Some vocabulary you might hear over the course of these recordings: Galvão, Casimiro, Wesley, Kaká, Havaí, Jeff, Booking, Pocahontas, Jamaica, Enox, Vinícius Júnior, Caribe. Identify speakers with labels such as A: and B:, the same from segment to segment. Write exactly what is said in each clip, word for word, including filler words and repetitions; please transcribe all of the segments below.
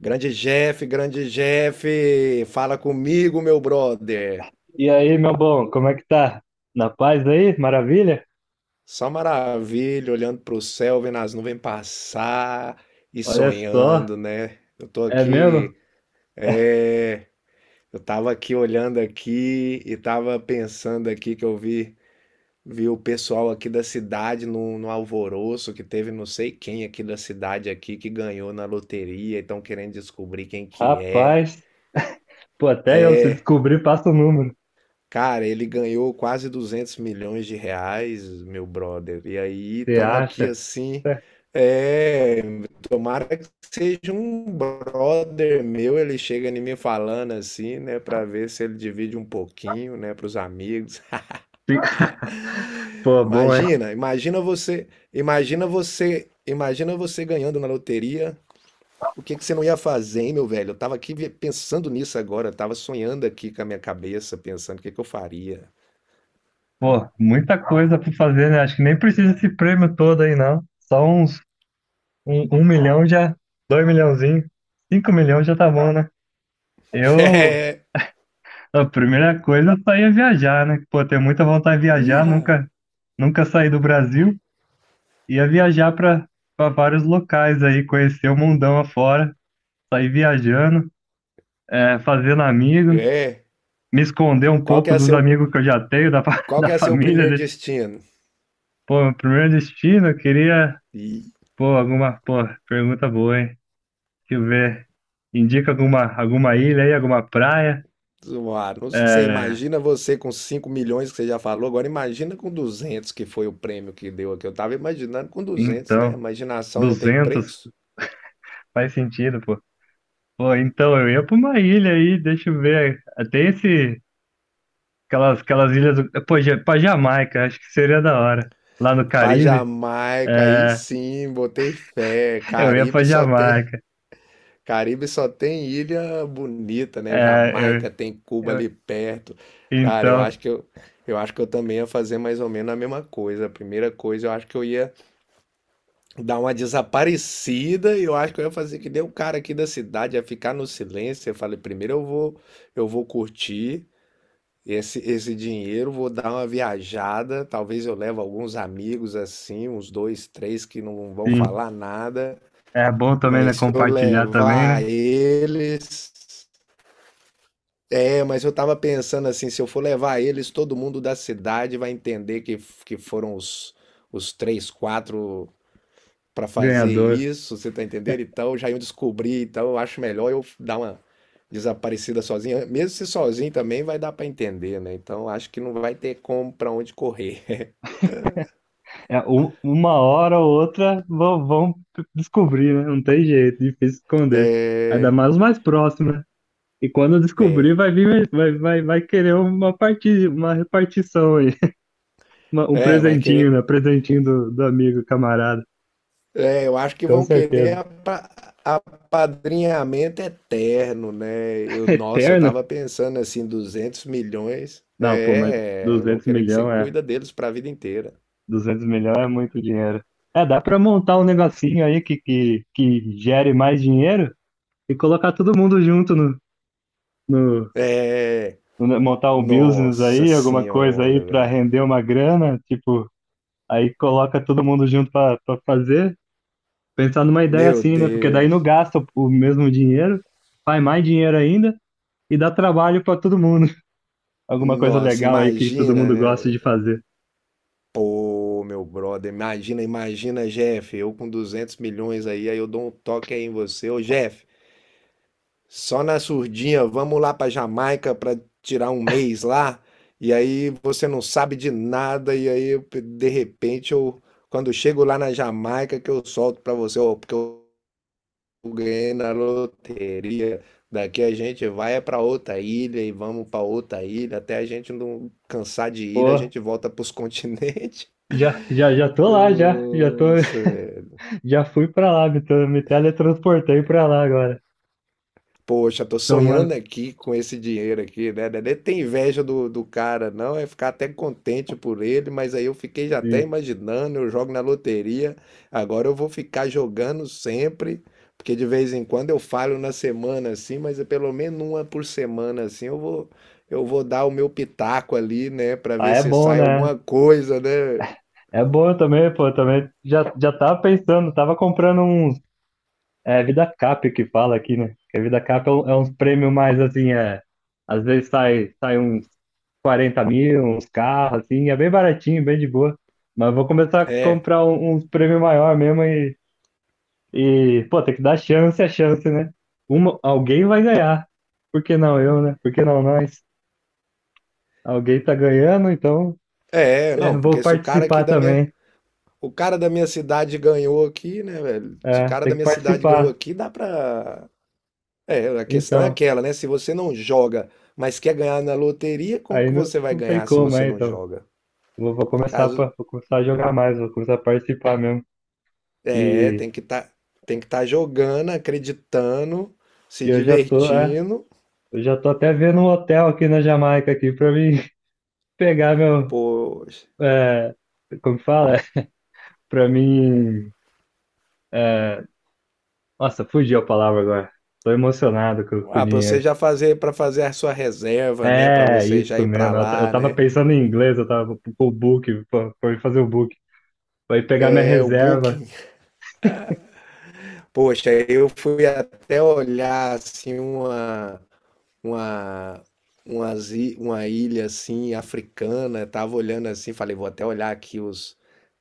A: Grande Jeff, grande Jeff, fala comigo, meu brother.
B: E aí, meu bom, como é que tá? Na paz aí? Maravilha?
A: Só maravilha, olhando pro céu, vendo as nuvens passar e
B: Olha só,
A: sonhando, né? Eu tô
B: é mesmo?
A: aqui, é, eu tava aqui olhando aqui e tava pensando aqui que eu vi, vi o pessoal aqui da cidade no, no alvoroço que teve não sei quem aqui da cidade aqui que ganhou na loteria e estão querendo descobrir quem que é.
B: Rapaz, pô, até eu se descobrir, passa o número.
A: Cara, ele ganhou quase duzentos milhões de reais, meu brother. E aí,
B: Você
A: estamos aqui
B: acha?
A: assim.
B: É.
A: É, tomara que seja um brother meu. Ele chega em mim falando assim, né, pra ver se ele divide um pouquinho, né, para os amigos.
B: Sim. Pô, bom, hein?
A: Imagina, imagina você, imagina você, imagina você ganhando na loteria. O que que você não ia fazer, hein, meu velho? Eu tava aqui vi- pensando nisso agora, eu tava sonhando aqui com a minha cabeça, pensando o que que eu faria.
B: Pô, muita coisa pra fazer, né? Acho que nem precisa esse prêmio todo aí, não. Só uns um, um milhão já, dois milhãozinho, cinco milhões já tá bom, né? Eu,
A: É.
B: a primeira coisa, eu só ia viajar, né? Pô, tenho muita vontade de viajar,
A: Ih,
B: nunca, nunca saí do Brasil. Ia viajar para vários locais aí, conhecer o mundão afora, sair viajando, é, fazendo amigos,
A: é,
B: me esconder um
A: qual que
B: pouco
A: é
B: dos
A: seu,
B: amigos que eu já tenho, da, fa-
A: qual
B: da
A: que é seu
B: família.
A: primeiro
B: deixa-
A: destino?
B: Pô, meu primeiro destino, eu queria.
A: E
B: Pô, alguma. Pô, pergunta boa, hein? Deixa eu ver. Indica alguma, alguma ilha aí, alguma praia?
A: zoar, não sei,
B: É,
A: imagina você com cinco milhões que você já falou, agora imagina com duzentos que foi o prêmio que deu aqui. Eu tava imaginando com duzentos, né?
B: então,
A: Imaginação não tem
B: duzentos
A: preço.
B: faz sentido, pô. Pô, então eu ia para uma ilha aí, deixa eu ver. Tem esse. Aquelas, aquelas ilhas do. Pô, ja- pra Jamaica, acho que seria da hora. Lá no
A: Pra
B: Caribe,
A: Jamaica, aí
B: é,
A: sim, botei fé.
B: eu ia pra
A: Caribe só tem,
B: Jamaica.
A: Caribe só tem ilha bonita, né?
B: É, eu,
A: Jamaica tem Cuba
B: eu-
A: ali perto. Cara, eu
B: então,
A: acho que eu, eu acho que eu também ia fazer mais ou menos a mesma coisa. A primeira coisa, eu acho que eu ia dar uma desaparecida, e eu acho que eu ia fazer que nem o cara aqui da cidade, ia ficar no silêncio. Eu falei, primeiro eu vou, eu vou curtir esse, esse dinheiro, vou dar uma viajada. Talvez eu leve alguns amigos assim, uns dois, três que não vão
B: sim.
A: falar nada.
B: É bom também, né?
A: Mas se eu
B: Compartilhar também,
A: levar
B: né?
A: eles. É, mas eu tava pensando assim, se eu for levar eles, todo mundo da cidade vai entender que, que foram os, os três, quatro para fazer
B: Ganhador.
A: isso, você tá entendendo? Então já iam descobrir, então eu acho melhor eu dar uma desaparecida sozinha. Mesmo se sozinho também vai dar para entender, né? Então acho que não vai ter como para onde correr.
B: É, um- uma hora ou outra vão, vão descobrir, né? Não tem jeito, difícil esconder. Ainda mais o mais próximo, né? E quando descobrir, vai vir, vai, vai, vai querer uma parti, uma repartição aí. Uma- um
A: É, vai
B: presentinho,
A: querer.
B: né? Presentinho do, do amigo, camarada.
A: É, eu acho que
B: Com
A: vão querer
B: certeza.
A: apa- apadrinhamento eterno, né? Eu, nossa, eu
B: Terno?
A: tava pensando assim, duzentos milhões.
B: Não, pô, mas
A: É, vão
B: duzentos
A: querer que você
B: milhões é,
A: cuida deles para a vida inteira.
B: duzentos milhões é muito dinheiro. É, dá pra montar um negocinho aí que, que, que gere mais dinheiro e colocar todo mundo junto no, no,
A: É,
B: no- montar um business
A: nossa
B: aí, alguma coisa aí
A: senhora,
B: pra
A: velho.
B: render uma grana, tipo, aí coloca todo mundo junto pra pra fazer. Pensar numa ideia
A: Meu
B: assim, né? Porque daí não
A: Deus.
B: gasta o o mesmo dinheiro, faz mais dinheiro ainda e dá trabalho pra todo mundo. Alguma coisa
A: Nossa,
B: legal aí que todo
A: imagina,
B: mundo
A: né?
B: gosta de fazer.
A: Ô, meu brother, imagina, imagina, Jeff, eu com duzentos milhões aí, aí eu dou um toque aí em você. Ô, Jeff, só na surdinha, vamos lá pra Jamaica pra tirar um mês lá. E aí você não sabe de nada, e aí eu, de repente eu, quando eu chego lá na Jamaica, que eu solto pra você, ó, porque eu ganhei na loteria. Daqui a gente vai é pra outra ilha e vamos pra outra ilha, até a gente não cansar de ilha, a
B: Pô,
A: gente volta pros continentes.
B: já, já, já tô lá, já, já tô,
A: Nossa, velho.
B: já fui pra lá, me, tra- me teletransportei pra lá agora,
A: Poxa, tô
B: tomando,
A: sonhando aqui com esse dinheiro aqui, né? Não tem inveja do, do cara, não. É ficar até contente por ele, mas aí eu fiquei já até
B: sim.
A: imaginando, eu jogo na loteria, agora eu vou ficar jogando sempre, porque de vez em quando eu falho na semana assim, mas é pelo menos uma por semana assim, eu vou, eu vou dar o meu pitaco ali, né? Pra
B: Ah,
A: ver
B: é
A: se
B: bom,
A: sai
B: né?
A: alguma coisa, né?
B: É bom também, pô, também, já, já tava pensando, tava comprando uns, é, Vida Cap que fala aqui, né? Que a Vida Cap é, um- é uns prêmios mais, assim, é, às vezes sai, sai uns quarenta mil, uns carros, assim, é bem baratinho, bem de boa, mas vou começar a
A: É.
B: comprar um- uns prêmios maior mesmo. E, pô, tem que dar chance a chance, né? Uma, alguém vai ganhar. Por que não eu, né? Por que não nós? Alguém tá ganhando, então
A: É,
B: é,
A: não,
B: vou
A: porque se o cara aqui
B: participar
A: da minha.
B: também.
A: O cara da minha cidade ganhou aqui, né, velho? Se o
B: É,
A: cara
B: tem
A: da
B: que
A: minha cidade ganhou
B: participar.
A: aqui, dá pra. É, a questão é
B: Então,
A: aquela, né? Se você não joga, mas quer ganhar na loteria, como
B: aí
A: que
B: não,
A: você vai
B: não tem
A: ganhar se
B: como,
A: você
B: é,
A: não
B: então.
A: joga?
B: Vou, vou começar
A: Caso,
B: pra, vou começar a jogar mais, vou começar a participar mesmo.
A: é,
B: E,
A: tem que estar, tem que estar jogando, acreditando, se
B: e eu já tô, é,
A: divertindo.
B: eu já tô até vendo um hotel aqui na Jamaica aqui pra mim pegar meu,
A: Poxa.
B: é, como que fala? Pra mim, é, nossa, fugiu a palavra agora. Tô emocionado com, com o
A: Ah, pra você
B: dinheiro.
A: já fazer, pra fazer a sua reserva, né? Pra
B: É,
A: você já
B: isso
A: ir pra
B: mesmo. Eu, ta- eu
A: lá,
B: tava
A: né?
B: pensando em inglês, eu tava com o book, pra pra eu fazer o book. Pra ir pegar minha
A: É o
B: reserva,
A: Booking. Poxa, eu fui até olhar assim uma uma, umas i- uma ilha assim africana, tava olhando assim, falei, vou até olhar aqui os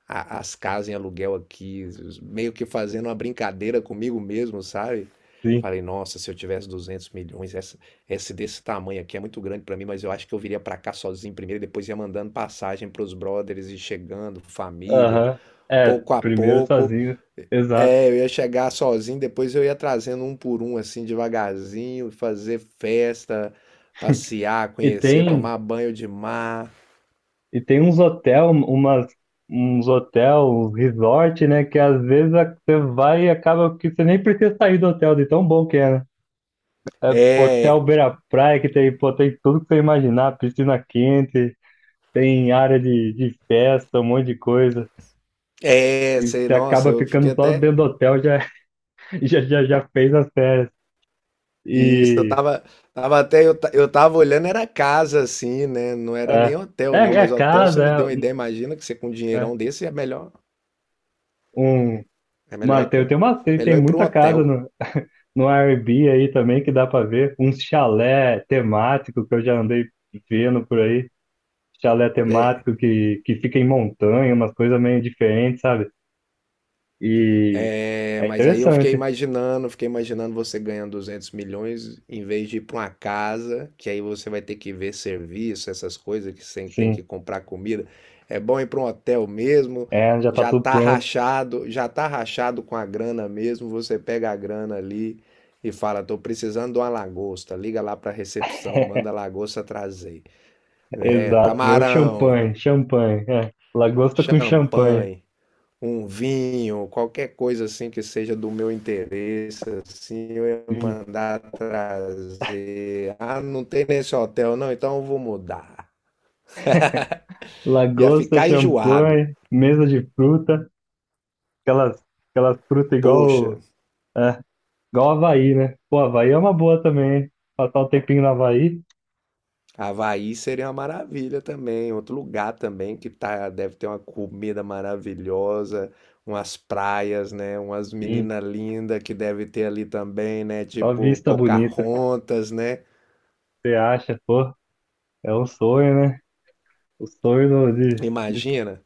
A: a- as casas em aluguel aqui, os- meio que fazendo uma brincadeira comigo mesmo, sabe?
B: sim.
A: Falei, nossa, se eu tivesse duzentos milhões, essa, esse desse tamanho aqui é muito grande pra mim, mas eu acho que eu viria pra cá sozinho primeiro, e depois ia mandando passagem pros brothers e chegando, família,
B: Aham. É,
A: pouco a
B: primeiro
A: pouco.
B: sozinho. Exato.
A: É, eu ia chegar sozinho, depois eu ia trazendo um por um, assim, devagarzinho, fazer festa, passear,
B: E
A: conhecer,
B: tem,
A: tomar banho de mar.
B: e tem uns hotel, umas, uns hotel, uns resort, né? Que às vezes a- você vai e acaba que você nem precisa sair do hotel, de tão bom que é, né? Hotel
A: É,
B: Beira Praia, que tem, pô, tem tudo que você imaginar, piscina quente. Tem área de, de festa, um monte de coisa.
A: é,
B: E
A: sei,
B: você
A: nossa,
B: acaba
A: eu fiquei
B: ficando só
A: até.
B: dentro do hotel, já, já, já, já fez as férias.
A: E isso, eu
B: E
A: tava, tava até, eu, ta- eu tava olhando, era casa, assim, né? Não era nem
B: é, é,
A: hotel, não,
B: é
A: mas hotel você me deu
B: casa,
A: uma
B: é,
A: ideia. Imagina que você com um
B: um, é
A: dinheirão desse é melhor,
B: um,
A: é melhor
B: uma,
A: ir
B: tem,
A: com,
B: tem, uma, tem,
A: melhor
B: tem
A: ir pra um
B: muita casa
A: hotel.
B: no, no Airbnb aí também que dá pra ver. Um chalé temático que eu já andei vendo por aí. Chalé
A: É.
B: temático que, que fica em montanha, umas coisas meio diferentes, sabe? E
A: É,
B: é
A: mas aí eu fiquei
B: interessante,
A: imaginando, fiquei imaginando você ganhando duzentos milhões em vez de ir para uma casa, que aí você vai ter que ver serviço, essas coisas que você tem
B: sim.
A: que comprar comida. É bom ir para um hotel mesmo,
B: É, já tá
A: já
B: tudo
A: tá
B: pronto.
A: rachado, já tá rachado com a grana mesmo, você pega a grana ali e fala, tô precisando de uma lagosta, liga lá para a recepção, manda a lagosta trazer, né?
B: Exato, meu
A: Camarão,
B: champanhe, champanhe, é. Lagosta com champanhe,
A: champanhe, um vinho, qualquer coisa assim que seja do meu interesse, assim, eu ia
B: sim.
A: mandar trazer. Ah, não tem nesse hotel, não, então eu vou mudar. Ia
B: Lagosta,
A: ficar enjoado.
B: champanhe, mesa de fruta, aquelas, aquelas frutas
A: Poxa,
B: igual, é, igual Havaí, né? Pô, Havaí é uma boa também, hein? Passar um tempinho no Havaí,
A: Havaí seria uma maravilha também, outro lugar também que tá, deve ter uma comida maravilhosa, umas praias, né? Umas
B: sim.
A: meninas lindas que deve ter ali também, né?
B: Só
A: Tipo
B: vista bonita,
A: Pocahontas, né?
B: você acha, pô, é um sonho, né? O sonho do- de, de,
A: Imagina.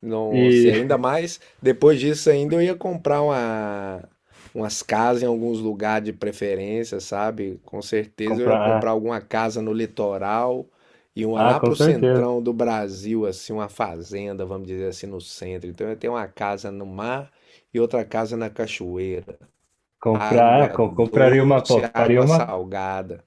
A: Nossa, e
B: e
A: ainda mais, depois disso ainda eu ia comprar uma, umas casas em alguns lugares de preferência, sabe? Com certeza eu ia
B: comprar,
A: comprar alguma casa no litoral e uma
B: ah, ah,
A: lá
B: com
A: pro
B: certeza.
A: centrão do Brasil, assim, uma fazenda, vamos dizer assim, no centro. Então eu ia ter uma casa no mar e outra casa na cachoeira.
B: Comprar, ah,
A: Água
B: co- compraria uma,
A: doce,
B: pô, faria
A: água
B: uma.
A: salgada.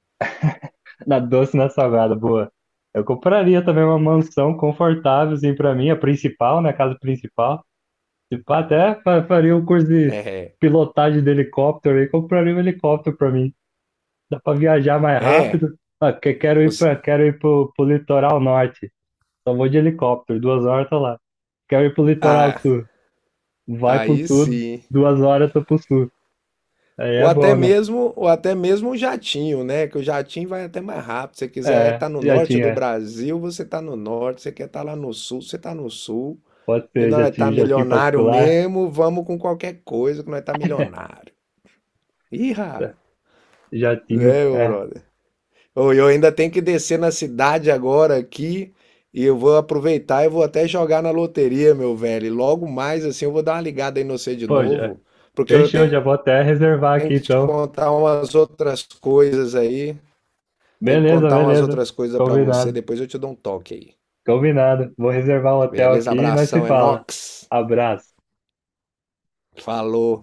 B: Na doce, na salgada, boa. Eu compraria também uma mansão confortável, assim, pra mim, a principal, né? A casa principal. Se pá, até fa- faria um curso de
A: É,
B: pilotagem de helicóptero aí, compraria um helicóptero pra mim. Dá pra viajar mais
A: é.
B: rápido. Ah, que- quero ir
A: você-
B: pra, quero ir pro, pro litoral norte. Só vou de helicóptero, duas horas tô lá. Quero ir pro litoral
A: ah,
B: sul. Vai pro
A: aí
B: sul,
A: sim.
B: duas horas tô pro sul. Aí
A: Ou
B: é
A: até
B: bom, né?
A: mesmo, ou até mesmo um jatinho, né? Que o jatinho vai até mais rápido. Se você quiser
B: É,
A: estar no
B: já
A: norte do
B: tinha.
A: Brasil, você está no norte. Se você quer estar lá no sul, você está no sul.
B: Pode
A: E
B: ser, já
A: nós tá
B: tinha, já tinha
A: milionário
B: particular.
A: mesmo, vamos com qualquer coisa que nós tá milionário. Irra!
B: Jatinho,
A: É, meu
B: é.
A: brother. Ô, eu ainda tenho que descer na cidade agora aqui e eu vou aproveitar e vou até jogar na loteria, meu velho. E logo mais assim eu vou dar uma ligada aí no você de
B: Pô, já-
A: novo, porque eu
B: fechou,
A: tenho
B: já vou até reservar
A: que
B: aqui
A: te
B: então.
A: contar umas outras coisas aí. Tem que
B: Beleza,
A: contar umas
B: beleza.
A: outras coisas pra você,
B: Combinado,
A: depois eu te dou um toque aí.
B: combinado. Vou reservar o hotel
A: Beleza?
B: aqui e nós se
A: Abração,
B: fala.
A: Enox.
B: Abraço.
A: Falou.